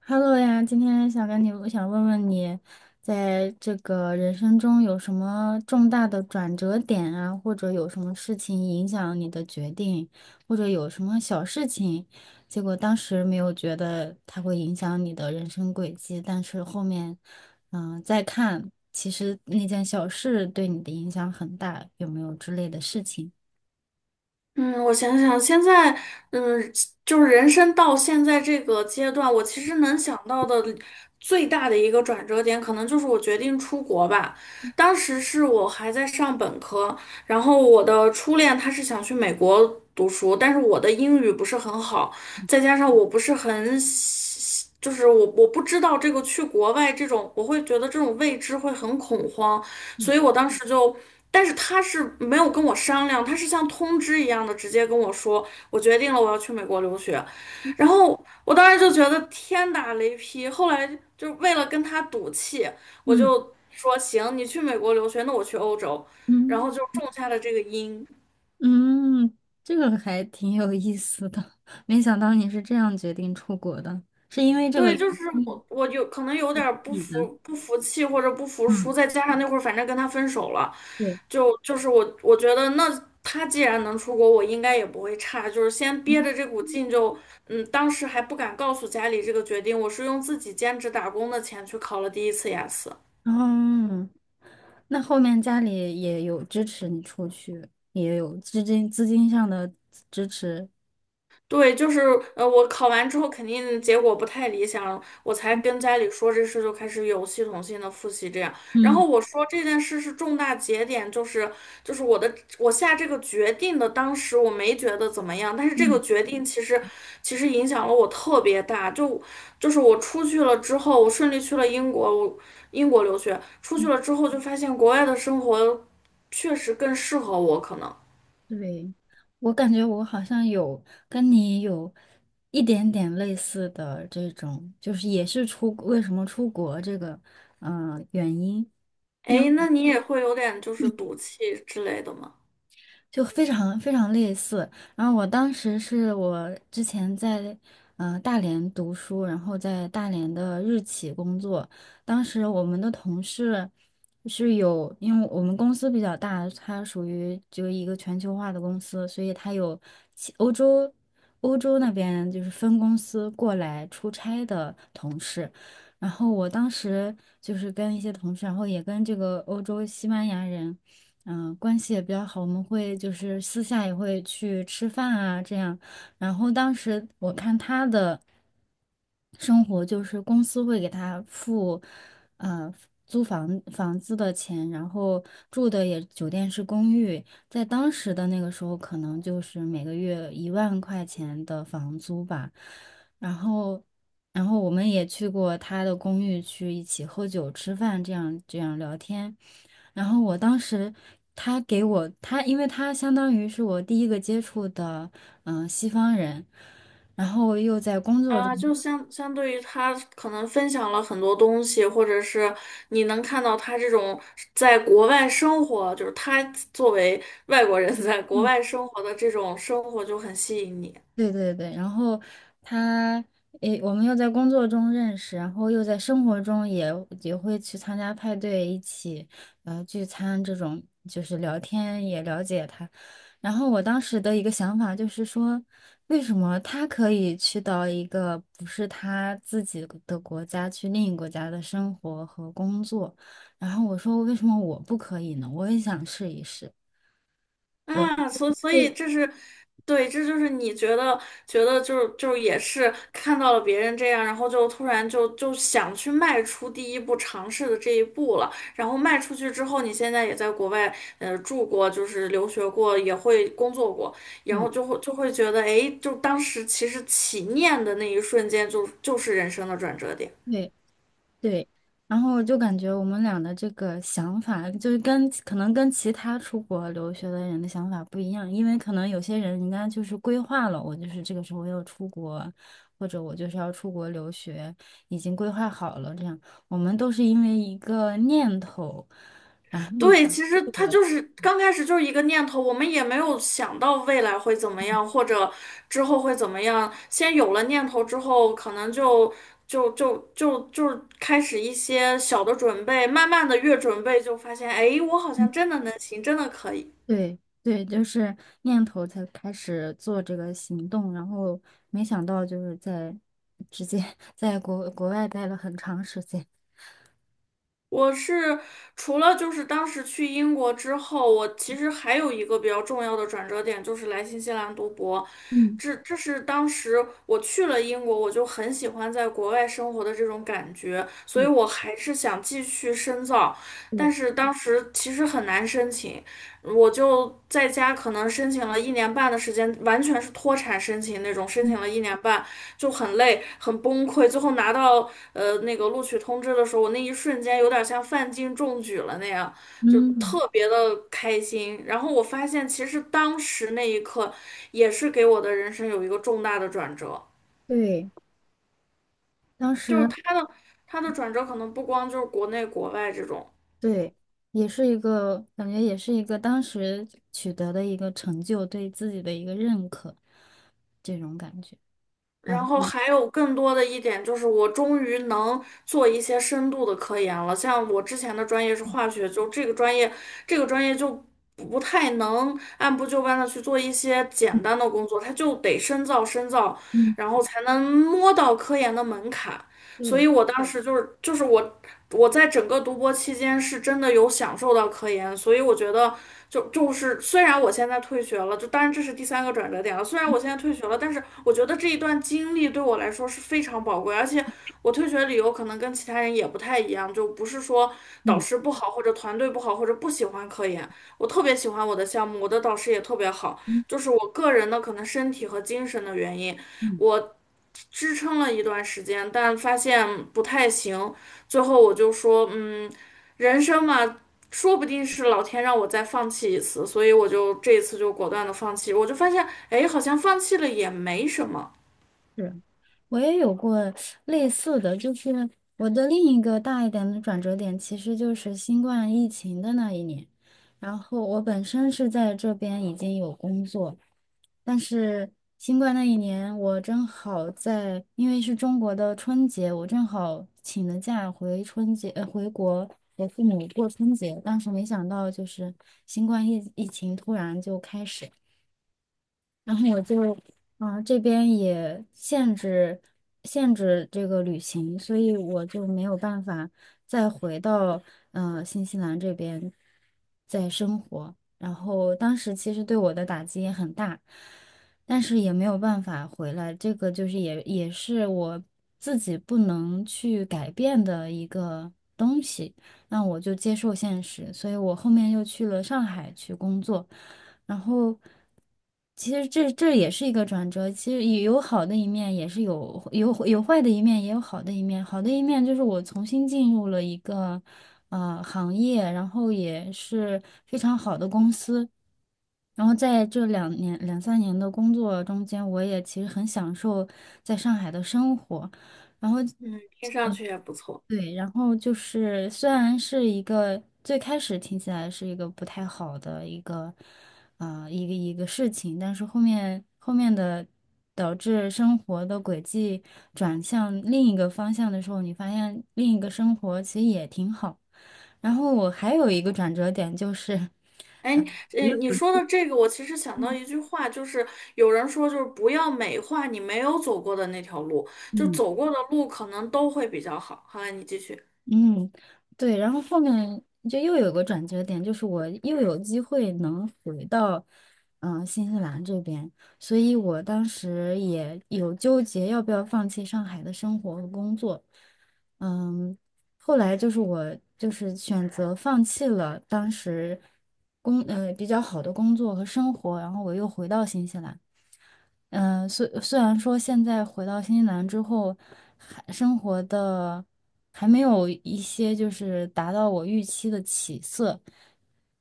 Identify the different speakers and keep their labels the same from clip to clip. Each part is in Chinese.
Speaker 1: Hello 呀，今天想跟你，我想问问你，在这个人生中有什么重大的转折点啊，或者有什么事情影响你的决定，或者有什么小事情，结果当时没有觉得它会影响你的人生轨迹，但是后面，再看，其实那件小事对你的影响很大，有没有之类的事情？
Speaker 2: 嗯，我想想，现在，嗯，就是人生到现在这个阶段，我其实能想到的最大的一个转折点，可能就是我决定出国吧。当时是我还在上本科，然后我的初恋他是想去美国读书，但是我的英语不是很好，再加上我不是很就是我不知道这个去国外这种，我会觉得这种未知会很恐慌，
Speaker 1: 嗯
Speaker 2: 所以我当时就，但是他是没有跟我商量，他是像通知一样的直接跟我说，我决定了我要去美国留学，然后我当时就觉得天打雷劈，后来就为了跟他赌气，我
Speaker 1: 嗯
Speaker 2: 就说行，你去美国留学，那我去欧洲，然
Speaker 1: 嗯，
Speaker 2: 后就种下了这个因。
Speaker 1: 嗯，这个还挺有意思的，没想到你是这样决定出国的，是因为这个
Speaker 2: 对，
Speaker 1: 原
Speaker 2: 就是
Speaker 1: 因
Speaker 2: 我，我有可能有点儿不
Speaker 1: 你
Speaker 2: 服
Speaker 1: 的，
Speaker 2: 不服气或者不服输，
Speaker 1: 嗯，
Speaker 2: 再加上那会儿反正跟他分手了，
Speaker 1: 对，
Speaker 2: 就是我觉得那他既然能出国，我应该也不会差，就是先憋
Speaker 1: 嗯，
Speaker 2: 着这股劲就，嗯，当时还不敢告诉家里这个决定，我是用自己兼职打工的钱去考了第一次雅思。
Speaker 1: 后那后面家里也有支持你出去，也有资金上的支持，
Speaker 2: 对，就是我考完之后肯定结果不太理想，我才跟家里说这事，就开始有系统性的复习这样。然后
Speaker 1: 嗯
Speaker 2: 我说这件事是重大节点，就是我下这个决定的，当时我没觉得怎么样，但是这
Speaker 1: 嗯
Speaker 2: 个决定其实影响了我特别大，就就是我出去了之后，我顺利去了英国，我英国留学，出去
Speaker 1: 嗯，
Speaker 2: 了之后就发现国外的生活确实更适合我，可能。
Speaker 1: 对，我感觉我好像有跟你有一点点类似的这种，就是也是出，为什么出国这个，原因。
Speaker 2: 哎，那你也会有点就是赌气之类的吗？
Speaker 1: 就非常非常类似。然后我当时是我之前在大连读书，然后在大连的日企工作。当时我们的同事是有，因为我们公司比较大，它属于就一个全球化的公司，所以它有其欧洲欧洲那边就是分公司过来出差的同事。然后我当时就是跟一些同事，然后也跟这个欧洲西班牙人。关系也比较好，我们会就是私下也会去吃饭啊，这样。然后当时我看他的生活，就是公司会给他付，呃，房子的钱，然后住的也酒店是公寓，在当时的那个时候，可能就是每个月1万块钱的房租吧。然后，然后我们也去过他的公寓去一起喝酒、吃饭，这样聊天。然后我当时他给我他，因为他相当于是我第一个接触的西方人，然后又在工作中。
Speaker 2: 啊，就相对于他可能分享了很多东西，或者是你能看到他这种在国外生活，就是他作为外国人在国外生活的这种生活就很吸引你。
Speaker 1: 对对对，然后他，诶，我们又在工作中认识，然后又在生活中也会去参加派对，一起聚餐这种，就是聊天也了解他。然后我当时的一个想法就是说，为什么他可以去到一个不是他自己的国家，去另一个国家的生活和工作？然后我说，为什么我不可以呢？我也想试一试。
Speaker 2: 啊，所以
Speaker 1: 对，
Speaker 2: 这是，对，这就是你觉得觉得就是也是看到了别人这样，然后就突然就想去迈出第一步，尝试的这一步了。然后迈出去之后，你现在也在国外住过，就是留学过，也会工作过，然
Speaker 1: 对
Speaker 2: 后就会觉得，哎，就当时其实起念的那一瞬间就是人生的转折点。
Speaker 1: 对，对，然后就感觉我们俩的这个想法，就是跟可能跟其他出国留学的人的想法不一样，因为可能有些人人家就是规划了，我就是这个时候要出国，或者我就是要出国留学，已经规划好了这样。我们都是因为一个念头，
Speaker 2: 对，其实他就是刚开始就是一个念头，我们也没有想到未来会怎么样，或者之后会怎么样。先有了念头之后，可能就开始一些小的准备，慢慢的越准备就发现，哎，我好像
Speaker 1: 嗯
Speaker 2: 真的能行，真的可以。
Speaker 1: 对对，就是念头才开始做这个行动，然后没想到就是在直接 在国外待了很长时间。
Speaker 2: 我是除了就是当时去英国之后，我其实还有一个比较重要的转折点，就是来新西兰读博。
Speaker 1: 嗯，
Speaker 2: 这是当时我去了英国，我就很喜欢在国外生活的这种感觉，所以
Speaker 1: 对
Speaker 2: 我还是想继续深造。
Speaker 1: 对。
Speaker 2: 但是当时其实很难申请，我就在家可能申请了一年半的时间，完全是脱产申请那种，申请了一年半就很累，很崩溃，最后拿到。那个录取通知的时候，我那一瞬间有点像范进中举了那样，就
Speaker 1: 嗯，
Speaker 2: 特别的开心。然后我发现，其实当时那一刻也是给我的人生有一个重大的转折，
Speaker 1: 对，当
Speaker 2: 就是
Speaker 1: 时
Speaker 2: 他的他的转折可能不光就是国内国外这种，
Speaker 1: 对，也是一个感觉，也是一个当时取得的一个成就，对自己的一个认可，这种感觉。然
Speaker 2: 然
Speaker 1: 后，
Speaker 2: 后
Speaker 1: 嗯，
Speaker 2: 还有更多的一点就是，我终于能做一些深度的科研了。像我之前的专业是化学，就这个专业，这个专业就不太能按部就班的去做一些简单的工作，它就得深造深造，
Speaker 1: 嗯
Speaker 2: 然后才能摸到科研的门槛。所
Speaker 1: 对，
Speaker 2: 以我当时就是我在整个读博期间是真的有享受到科研，所以我觉得就就是虽然我现在退学了，就当然这是第三个转折点了，虽然我现在退学了，但是我觉得这一段经历对我来说是非常宝贵，而且我退学理由可能跟其他人也不太一样，就不是说导
Speaker 1: 嗯
Speaker 2: 师不好或者团队不好或者不喜欢科研，我特别喜欢我的项目，我的导师也特别好，
Speaker 1: 嗯
Speaker 2: 就是我个人的可能身体和精神的原因。
Speaker 1: 嗯，
Speaker 2: 我支撑了一段时间，但发现不太行。最后我就说，嗯，人生嘛，说不定是老天让我再放弃一次，所以我就这一次就果断的放弃。我就发现，哎，好像放弃了也没什么，
Speaker 1: 是，我也有过类似的，就是我的另一个大一点的转折点，其实就是新冠疫情的那一年。然后我本身是在这边已经有工作。但是新冠那一年，我正好在，因为是中国的春节，我正好请了假回春节，呃，回国给父母过春节。但是没想到，就是新冠疫情突然就开始。然后我就，这边也限制这个旅行，所以我就没有办法再回到新西兰这边再生活。然后当时其实对我的打击也很大，但是也没有办法回来。这个就是也是我自己不能去改变的一个。东西。那我就接受现实，所以我后面又去了上海去工作，然后其实这也是一个转折，其实也有好的一面，也是有坏的一面，也有好的一面。好的一面就是我重新进入了一个行业，然后也是非常好的公司。然后在这两三年的工作中间，我也其实很享受在上海的生活。
Speaker 2: 嗯，听上去也不错。
Speaker 1: 对，然后就是虽然是一个最开始听起来是一个不太好的一个，一个事情，但是后面的导致生活的轨迹转向另一个方向的时候，你发现另一个生活其实也挺好。然后我还有一个转折点就是
Speaker 2: 哎，
Speaker 1: 不
Speaker 2: 你说的这个，我其实想到一句话，就是有人说，就是不要美化你没有走过的那条路，就
Speaker 1: 嗯。
Speaker 2: 走过的路可能都会比较好。好，你继续。
Speaker 1: 嗯，对，然后后面就又有个转折点，就是我又有机会能回到，新西兰这边，所以我当时也有纠结要不要放弃上海的生活和工作，嗯，后来就是我就是选择放弃了当时比较好的工作和生活，然后我又回到新西兰。嗯，虽然说现在回到新西兰之后，还生活的还没有一些就是达到我预期的起色，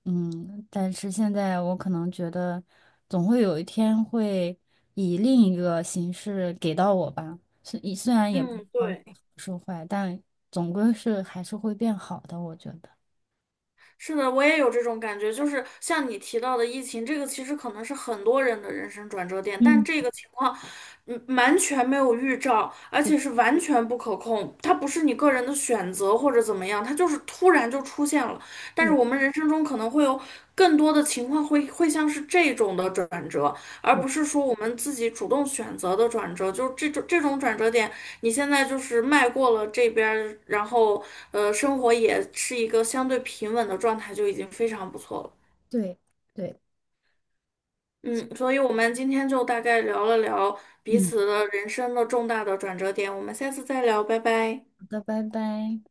Speaker 1: 嗯，但是现在我可能觉得总会有一天会以另一个形式给到我吧，虽然也不知
Speaker 2: 嗯，
Speaker 1: 道是
Speaker 2: 对。
Speaker 1: 好是坏，但总归是还是会变好的，我觉得。
Speaker 2: 是的，我也有这种感觉，就是像你提到的疫情，这个其实可能是很多人的人生转折点，但
Speaker 1: 嗯，
Speaker 2: 这个情况，嗯，完全没有预兆，而且是完全不可控，它不是你个人的选择或者怎么样，它就是突然就出现了。但是
Speaker 1: 对，
Speaker 2: 我们人生中可能会有更多的情况会像是这种的转折，而不是说我们自己主动选择的转折，就是这种转折点，你现在就是迈过了这边儿，然后生活也是一个相对平稳的状态，就已经非常不错了。
Speaker 1: 对对，
Speaker 2: 嗯，所以我们今天就大概聊了聊彼
Speaker 1: 嗯，
Speaker 2: 此的人生的重大的转折点，我们下次再聊，拜拜。
Speaker 1: 好的，拜拜。